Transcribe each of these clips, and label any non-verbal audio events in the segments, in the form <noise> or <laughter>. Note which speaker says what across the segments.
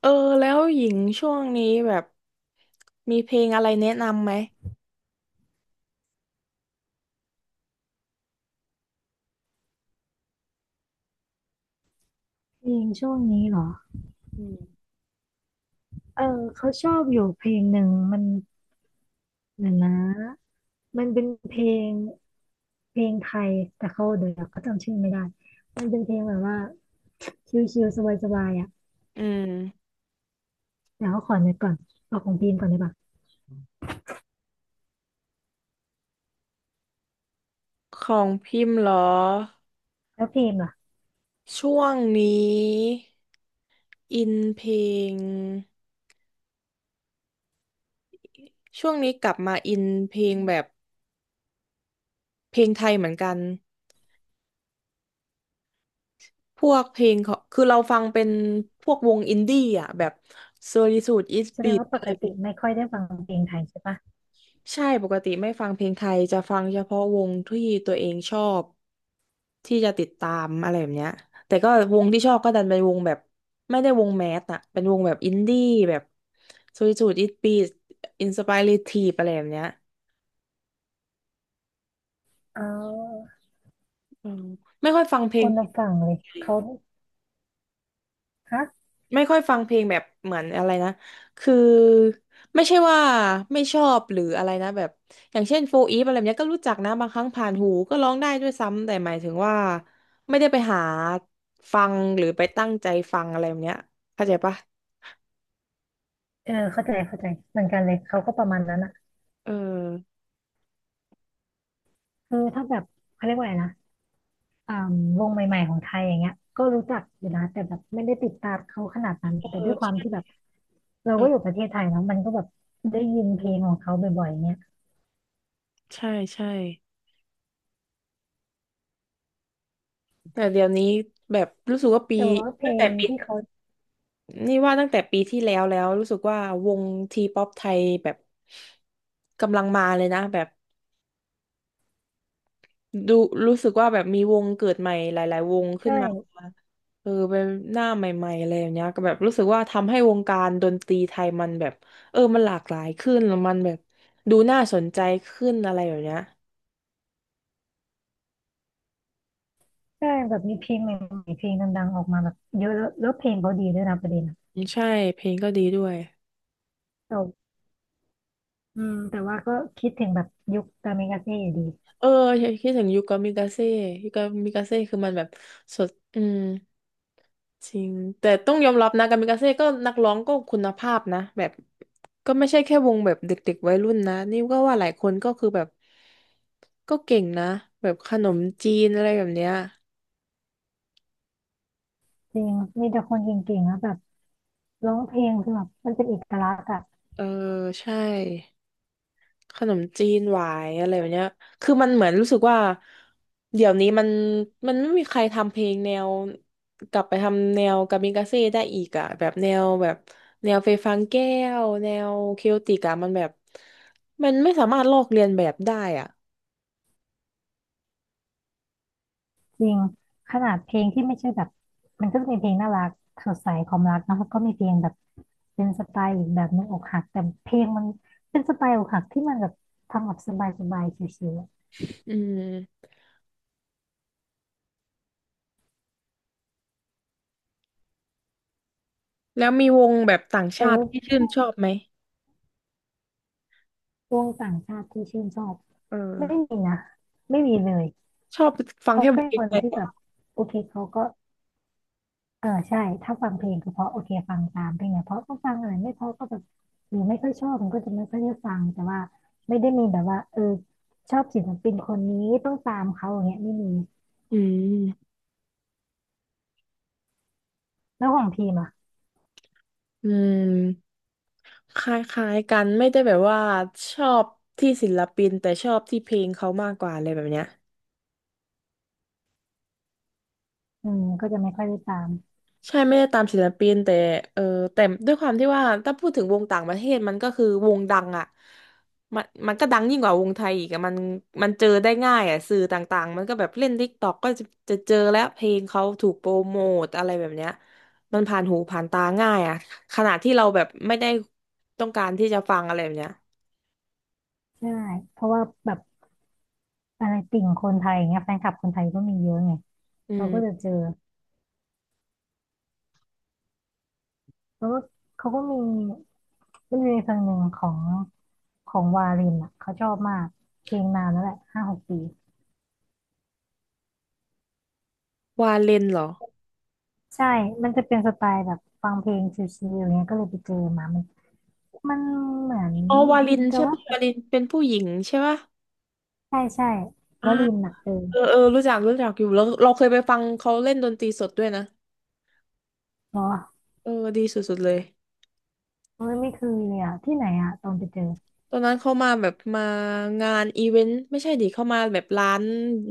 Speaker 1: เออแล้วหญิงช่วงนี้แบบมีเพลงอะไรแนะนำไหม
Speaker 2: เพลงช่วงนี้เหรอเออเขาชอบอยู่เพลงหนึ่งมันเดี๋ยวนะมันเป็นเพลงเพลงไทยแต่เขาเดี๋ยวเขาจำชื่อไม่ได้มันเป็นเพลงแบบว่าชิลๆสบายๆอ่ะ
Speaker 1: อืม
Speaker 2: เดี๋ยวเขาขอนึกก่อนเอาของพิมก่อนได้ปะ
Speaker 1: ของพิมพ์เหรอ
Speaker 2: แล้วพิมพ์ล่ะ
Speaker 1: ช่วงนี้อินเพลงช่วงนี้กลับมาอินเพลงแบบเพลงไทยเหมือนกันพวกเพลงของคือเราฟังเป็นพวกวงอินดี้อ่ะแบบ Solitude Is
Speaker 2: แสดง
Speaker 1: Beat
Speaker 2: ว่าปกติไม่ค่อยได้ฟังเพลงไทยใช่ปะ
Speaker 1: ใช่ปกติไม่ฟังเพลงไทยจะฟังเฉพาะวงที่ตัวเองชอบที่จะติดตามอะไรแบบเนี้ยแต่ก็วงที่ชอบก็ดันเป็นวงแบบไม่ได้วงแมสอะเป็นวงแบบอินดี้แบบซูริจูดอิตปีอินสปายเรทีฟอะไรแบบเนี้ย
Speaker 2: อ๋อ
Speaker 1: อืมไม่ค่อยฟังเพล
Speaker 2: ค
Speaker 1: ง
Speaker 2: นละฝั่งเลย
Speaker 1: เลย
Speaker 2: เขาฮะ
Speaker 1: ไม่ค่อยฟังเพลงแบบเหมือนอะไรนะคือไม่ใช่ว่าไม่ชอบหรืออะไรนะแบบอย่างเช่นโฟอีฟอะไรแบบเนี้ยก็รู้จักนะบางครั้งผ่านหูก็ร้องได้ด้วยซ้ำแต่หมายถึงว่าไม่ได้ไปหาฟังหรือไปตั้งใจฟังอะไรแบบเนี้ยเข้าใจปะ
Speaker 2: เออเข้าใจเข้าใจเหมือนกันเลยเขาก็ประมาณนั้นอ่ะ
Speaker 1: เออ
Speaker 2: คือถ้าแบบเขาเรียกว่าอะไรนะ อ่าวงใหม่ๆของไทยอย่างเงี้ยก็รู้จักอยู่นะแต่แบบไม่ได้ติดตามเขาขนาดนั้นแต่
Speaker 1: เ
Speaker 2: ด้วยความที่แบบเรา
Speaker 1: อ
Speaker 2: ก็อยู่
Speaker 1: อ
Speaker 2: ประเทศไทยเนาะมันก็แบบได้ยินเพลงของเขาบ่อยๆเงี้ย
Speaker 1: ใช่ใช่แต่เดี๋ยวนี้แบบรู้สึกว่าปี
Speaker 2: แต่ว่าเพล
Speaker 1: ตั้งแต่
Speaker 2: ง
Speaker 1: ปี
Speaker 2: ที่เขา
Speaker 1: นี่ว่าตั้งแต่ปีที่แล้วแล้วรู้สึกว่าวงทีป๊อปไทยแบบกำลังมาเลยนะแบบ ดูรู้สึกว่าแบบมีวงเกิดใหม่หลายๆวงขึ้น
Speaker 2: ใช่
Speaker 1: มาเออเป็นหน้าใหม่ๆอะไรอย่างเงี้ยก็แบบรู้สึกว่าทำให้วงการดนตรีไทยมันแบบเออมันหลากหลายขึ้นแล้วมันแบบดูน่าสนใจขึ้นอะไรแบบเนี้ย
Speaker 2: ใช่แบบมีเพลงใหม่ๆเพลงดังๆออกมาแบบเยอะแล้วแล้วเพลงเขาดีด้วยนะประเด็นอะ
Speaker 1: อืมใช่เพลงก็ดีด้วย
Speaker 2: แต่อืมแต่ว่าก็คิดถึงแบบยุคตามิกาเซ่อยู่ดี
Speaker 1: เออคิดถึงยูกามิกาเซ่ยูกามิกาเซ่คือมันแบบสดอืมจริงแต่ต้องยอมรับนะกามิกาเซ่ก็นักร้องก็คุณภาพนะแบบ ก็ไม่ใช่แค่วงแบบเด็กๆวัยรุ่นนะนี่ก็ว่าหลายคนก็คือแบบก็เก่งนะแบบขนมจีนอะไรแบบเนี้ย
Speaker 2: จริงมีแต่คนเก่งๆแล้วแบบร้องเพลงคือแบบมันเป็นเอกลักษณ์อะ
Speaker 1: เออใช่ขนมจีนหวายอะไรแบบเนี้ยคือมันเหมือนรู้สึกว่าเดี๋ยวนี้มันไม่มีใครทำเพลงแนวกลับไปทำแนวกามิกาเซ่ได้อีกอะแบบแนวแบบแนวเฟยฟางแก้วแนวเคโอติกอะมันแบบมันไม่สามารถลอกเลียนแบบได้อ่ะ
Speaker 2: จริงขนาดเพลงที่ไม่ใช่แบบมันก็จะมีเพลงน่ารักสดใสความรักเนอะแล้วก็มีเพลงแบบเป็นสไตล์อีกแบบหนึงอกหักแต่เพลงมันเป็นสไตล์อกหักที่มันแบบทำแบบสบายสบายชิวๆอะ
Speaker 1: อืมแล้วมีวงแบบต่าง
Speaker 2: แต่
Speaker 1: ชาติ
Speaker 2: ว่า
Speaker 1: ที่ชื่
Speaker 2: ช่
Speaker 1: น
Speaker 2: วง
Speaker 1: ชอบไหม
Speaker 2: วงต่างชาติที่ชื่นชอบ
Speaker 1: เออ
Speaker 2: ไม่มีนะไม่มีเลย
Speaker 1: ชอบฟัง
Speaker 2: เขา
Speaker 1: แค่เพ
Speaker 2: เป็น
Speaker 1: ล
Speaker 2: ค
Speaker 1: ง
Speaker 2: น
Speaker 1: ไทย
Speaker 2: ที่
Speaker 1: เหร
Speaker 2: แบบ
Speaker 1: อ
Speaker 2: โอเคเขาก็ เออใช่ถ้าฟังเพลงก็เพราะโอเคฟังตามเพลงไหนเพราะก็ฟังอะไรไม่เพราะก็แบบหรือไม่ค่อยชอบมันก็จะไม่ค่อยได้ฟังแต่ว่าไม่ได้มีแบบว่าเออชอบศิลปินคนนี้ต้องตามเขาอย่างเงี้ยไม่มี
Speaker 1: อืม
Speaker 2: แล้วของพีมอ่ะ
Speaker 1: อืมคล้ายๆกันไม่ได้แบบว่าชอบที่ศิลปินแต่ชอบที่เพลงเขามากกว่าอะไรแบบเนี้ย
Speaker 2: อืมก็จะไม่ค่อยได้ตาม
Speaker 1: ใช่ไม่ได้ตามศิลปินแต่เออแต่ด้วยความที่ว่าถ้าพูดถึงวงต่างประเทศมันก็คือวงดังอ่ะมันก็ดังยิ่งกว่าวงไทยอีกอะมันมันเจอได้ง่ายอ่ะสื่อต่างๆมันก็แบบเล่น t ิ k กต k อกก็จะจะเจอแล้วเพลงเขาถูกโปรโมทอะไรแบบเนี้ยมันผ่านหูผ่านตาง่ายอ่ะขนาดที่เราแบบไม่ได้ต้องการที่จะฟังอะไรแบบเนี้ย
Speaker 2: ใช่เพราะว่าแบบอะไรติ่งคนไทยอย่างเงี้ยแฟนคลับคนไทยก็มีเยอะไง
Speaker 1: อื
Speaker 2: เรา
Speaker 1: ม
Speaker 2: ก็จะเจอแล้วก็เขาก็มีมีเพลงหนึ่งของของวารินอ่ะเขาชอบมากเพลงนานแล้วแหละห้าหกปี
Speaker 1: วาเลนเหรอ
Speaker 2: ใช่ มันจะเป็นสไตล์แบบฟังเพลงชิลๆอย่างเงี้ยก็เลยไปเจอมามันมันเหมือน
Speaker 1: อ๋อวาลิน
Speaker 2: แต่
Speaker 1: ใช่
Speaker 2: ว่า
Speaker 1: ปะวาลินเป็นผู้หญิงใช่ปะ
Speaker 2: ใช่ใช่ว
Speaker 1: อ่า
Speaker 2: ลินหนักเกิน
Speaker 1: เออเออรู้จักรู้จักอยู่แล้วเราเคยไปฟังเขาเล่นดนตรีสดด้วยนะ
Speaker 2: เหรอ
Speaker 1: เออดีสุดๆเลย
Speaker 2: เอ้ยไม่เคือเลยอะที่ไหนอะตอนไปเจอ
Speaker 1: ตอนนั้นเขามาแบบมางานอีเวนต์ไม่ใช่ดิเขามาแบบร้าน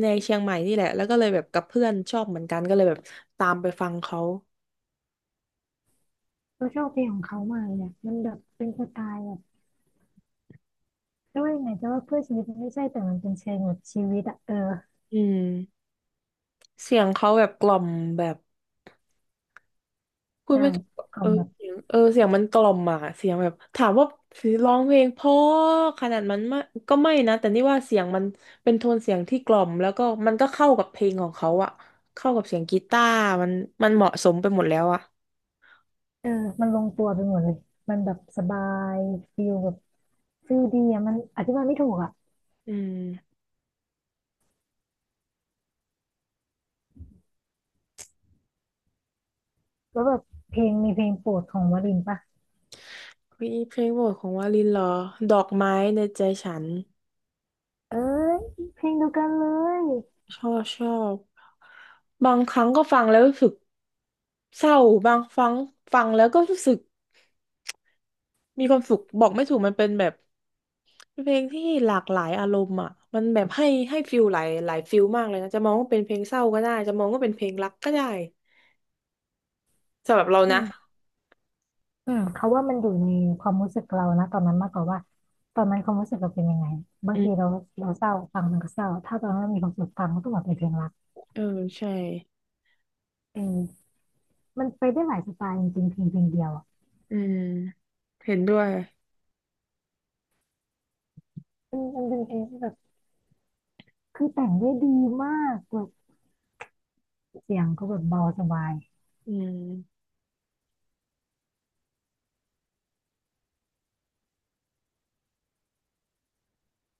Speaker 1: ในเชียงใหม่นี่แหละแล้วก็เลยแบบกับเพื่อนชอบเหมือนกันก็เลยแบบตามไปฟังเขา
Speaker 2: เราชอบเพลงของเขามากเลยอะมันแบบเป็นสไตล์แบบจะว่ายังไงจะว่าเพื่อชีวิตมันไม่ใช่แต่มันเป็นเชิงแบบชีวิตอะเออ
Speaker 1: อืมเสียงเขาแบบกล่อมแบบพูด
Speaker 2: ใช่
Speaker 1: ไม่ถูก
Speaker 2: ขอ
Speaker 1: เออ
Speaker 2: งแบบ
Speaker 1: เสียงเออเสียงมันกล่อมอ่ะเสียงแบบถามว่าร้องเพลงเพราะขนาดมันไม่ก็ไม่นะแต่นี่ว่าเสียงมันเป็นโทนเสียงที่กล่อมแล้วก็มันก็เข้ากับเพลงของเขาอ่ะเข้ากับเสียงกีตาร์มันมันเหมาะสมไปหมดแล้วอ่ะ
Speaker 2: เออมันลงตัวไปหมดเลยมันแบบสบายฟิลแบบฟิลดีอะมันอธิบายไม่ถูกอะ
Speaker 1: อืม
Speaker 2: แล้วแบบเพลงมีเพลงโปรดของวลินปะ
Speaker 1: เฮ้ยเพลงโปรดของวาลินเหรอดอกไม้ในใจฉัน
Speaker 2: เอ้ยเพลงเดียวกันเลย
Speaker 1: ชอบชอบบางครั้งก็ฟังแล้วรู้สึกเศร้าบางครั้งฟังแล้วก็รู้สึกมีความสุขบอกไม่ถูกมันเป็นแบบเพลงที่หลากหลายอารมณ์อ่ะมันแบบให้ฟิลหลายหลายฟิลมากเลยนะจะมองว่าเป็นเพลงเศร้าก็ได้จะมองว่าเป็นเพลงรักก็ได้สำหรับเรา
Speaker 2: อื
Speaker 1: นะ
Speaker 2: มอืมเขาว่ามันอยู่ในความรู้สึกเรานะตอนนั้นมากกว่าว่าตอนนั้นความรู้สึกเราเป็นยังไงบา
Speaker 1: อื
Speaker 2: งทีเรา
Speaker 1: ม
Speaker 2: เราเศร้าฟังมันก็เศร้าถ้าตอนนั้นเรามีความสุขฟังมันก็ต้องแบบเป็นเพลงรัก
Speaker 1: เออใช่
Speaker 2: เออมันไปได้หลายสไตล์จริงๆเพลงเพลงเดียวอ่ะ
Speaker 1: อืมเห็นด้วย
Speaker 2: มันเป็นเพลงที่แบบคือแต่งได้ดีมากแบบเสียงก็แบบเบาสบาย
Speaker 1: อืม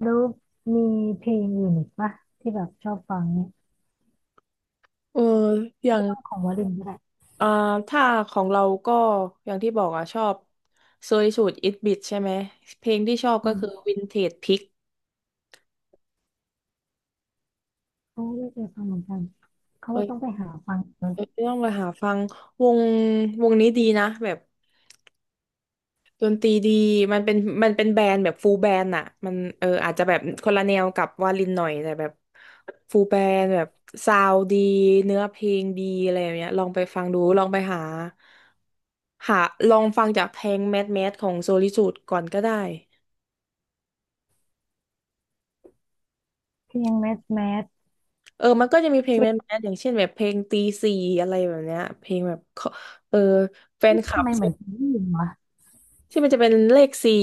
Speaker 2: แล้วมีเพลงอื่นอีกปะที่แบบชอบฟังเนี่ย
Speaker 1: เอออย่าง
Speaker 2: ของวลินก็ได้
Speaker 1: เอ่อถ้าของเราก็อย่างที่บอกอ่ะชอบโซยสูตรอิทบิทใช่ไหมเพลงที่ชอบ
Speaker 2: อื
Speaker 1: ก็
Speaker 2: ม
Speaker 1: คือวินเทจพิก
Speaker 2: เขาไม่เคยฟังเหมือนกันเขา
Speaker 1: เอ้
Speaker 2: ว่า
Speaker 1: ย
Speaker 2: ต้องไปหาฟัง
Speaker 1: เอ้ยต้องไปหาฟังวงวงนี้ดีนะแบบดนตรีดีมันเป็นมันเป็นแบนด์แบบฟูลแบนด์อ่ะมันเอออาจจะแบบคนละแนวกับวาลินหน่อยแต่แบบฟูลแบนด์แบบซาวดีเนื้อเพลงดีอะไรแบบเนี้ยลองไปฟังดูลองไปหาหาลองฟังจากเพลงแมสแมสของโซลิสูดก่อนก็ได้
Speaker 2: เพลงแมสแมส
Speaker 1: เออมันก็จะมีเพลงแมสๆอย่างเช่นแบบเพลงตีสี่อะไรแบบเนี้ย เพลงแบบเขาเออแฟน
Speaker 2: เอ๊ะ
Speaker 1: คลั
Speaker 2: ทำ
Speaker 1: บ
Speaker 2: ไมเหมือนเคยได้ยินวะ
Speaker 1: ที่มันจะเป็นเลขสี่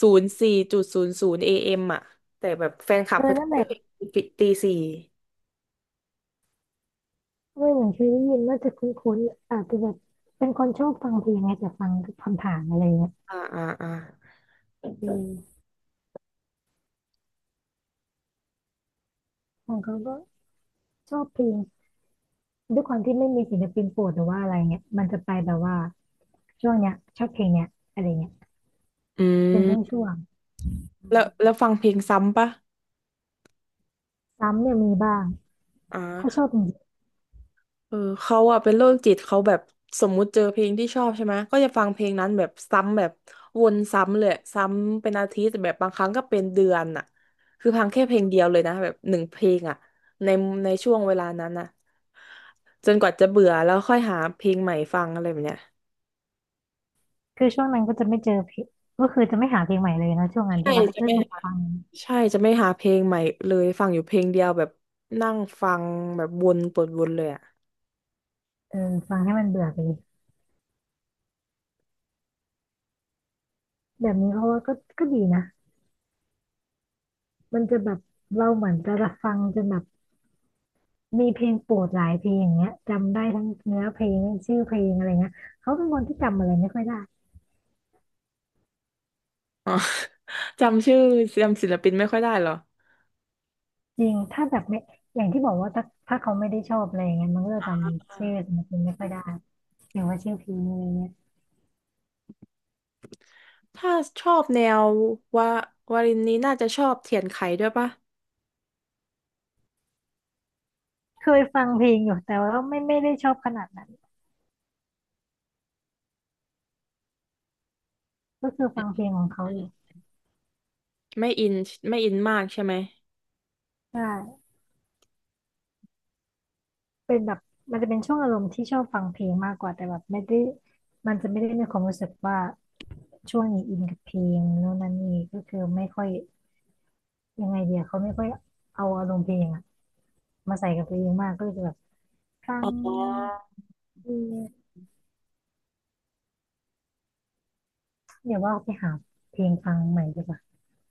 Speaker 1: 04.00 AMอ่ะแต่แบบแฟนคลั
Speaker 2: เอ
Speaker 1: บ
Speaker 2: อ
Speaker 1: เขาจะ
Speaker 2: นั่นแห
Speaker 1: เเ
Speaker 2: ละ
Speaker 1: ป็นตีสี่
Speaker 2: เออเหมือนเคยได้ยินว่าจะคุ้นๆอาจจะแบบเป็นคนชอบฟังเพลงไงแต่ฟังผ่านๆอะไรเงี้ย
Speaker 1: อ่าอ่าอ่า
Speaker 2: อือของเขาก็ชอบเพลงด้วยความที่ไม่มีศิลปินโปรดหรือว่าอะไรเงี้ยมันจะไปแบบว่าช่วงเนี้ยชอบเพลงเนี้ยอะไรเงี้ย
Speaker 1: อื
Speaker 2: เป็น
Speaker 1: ม
Speaker 2: ช่วงๆอื
Speaker 1: แล้
Speaker 2: ม
Speaker 1: วแล้วฟังเพลงซ้ำปะ
Speaker 2: ซ้ำเนี่ยมีบ้างถ้าช
Speaker 1: อ่า
Speaker 2: อบจริง
Speaker 1: เออเขาอะเป็นโรคจิตเขาแบบสมมุติเจอเพลงที่ชอบใช่ไหมก็จะฟังเพลงนั้นแบบซ้ำแบบวนซ้ำเลยซ้ำเป็นอาทิตย์แบบบางครั้งก็เป็นเดือนอะคือฟังแค่เพลงเดียวเลยนะแบบ1 เพลงอะในในช่วงเวลานั้นอะจนกว่าจะเบื่อแล้วค่อยหาเพลงใหม่ฟังอะไรแบบเนี้ย
Speaker 2: ๆคือช่วงนั้นก็จะไม่เจอเพลงก็คือจะไม่หาเพลงใหม่เลยนะช่วงนั้น
Speaker 1: ใช่
Speaker 2: ใช่ปะ
Speaker 1: จะ
Speaker 2: รู้
Speaker 1: ไม่
Speaker 2: สึก
Speaker 1: หา
Speaker 2: ฟัง
Speaker 1: ใช่จะไม่หาเพลงใหม่เลยฟังอยู่เพลงเดียวแบบนั่งฟังแบบวนเปิดวนเลยอะ
Speaker 2: เออฟังให้มันเบื่อไปเลยแบบนี้เพราะว่าก็ก็ดีนะมันจะแบบเราเหมือนจะฟังจนแบบ มีเพลงโปรดหลายเพลงอย่างเงี้ยจำได้ทั้งเนื้อเพลงชื่อเพลงอะไรเงี้ยเขาเป็นคนที่จำอะไรไม่ค่อยได้
Speaker 1: <laughs> จำชื่อจำศิลปินไม่ค่อยได้เหรอ
Speaker 2: จริงถ้าแบบไม่อย่างที่บอกว่าถ้าเขาไม่ได้ชอบอะไรเงี้ยมันก็จะจำชื่อศิลปินไม่ค่อยได้หรือย่างว่าชื่อเพลงอะไรเงี้ย
Speaker 1: ถ้าชอบแนวว่าวารินนี้น่าจะชอบเทียนไขด้วยปะ
Speaker 2: เคยฟังเพลงอยู่แต่ว่าไม่ได้ชอบขนาดนั้นก็คือฟังเพลงของเขาอยู่
Speaker 1: ไม่อินไม่อินมากใช่ไหม
Speaker 2: ใช่เป็นแบบมันจะเป็นช่วงอารมณ์ที่ชอบฟังเพลงมากกว่าแต่แบบไม่ได้มันจะไม่ได้มีความรู้สึกว่าช่วงนี้อินกับเพลงโน่นนั่นนี่ก็คือไม่ค่อยยังไงเดียวเขาไม่ค่อยเอาอารมณ์เพลงอะ มาใส่กับเพลงมากก็เลยจะแบบฟัง
Speaker 1: อ๋อ
Speaker 2: เออเดี๋ยวว่าไปหาเพลงฟังใหม่ดีกว่า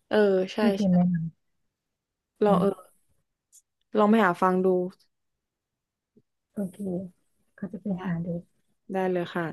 Speaker 1: เออใช่
Speaker 2: ที่พิมพ์
Speaker 1: ใช่
Speaker 2: แนะนำ
Speaker 1: ล
Speaker 2: อื
Speaker 1: อง
Speaker 2: ม
Speaker 1: เออลองไปหาฟังดู
Speaker 2: โอเคก็จะไป
Speaker 1: ได้
Speaker 2: หาดู
Speaker 1: ได้เลยค่ะ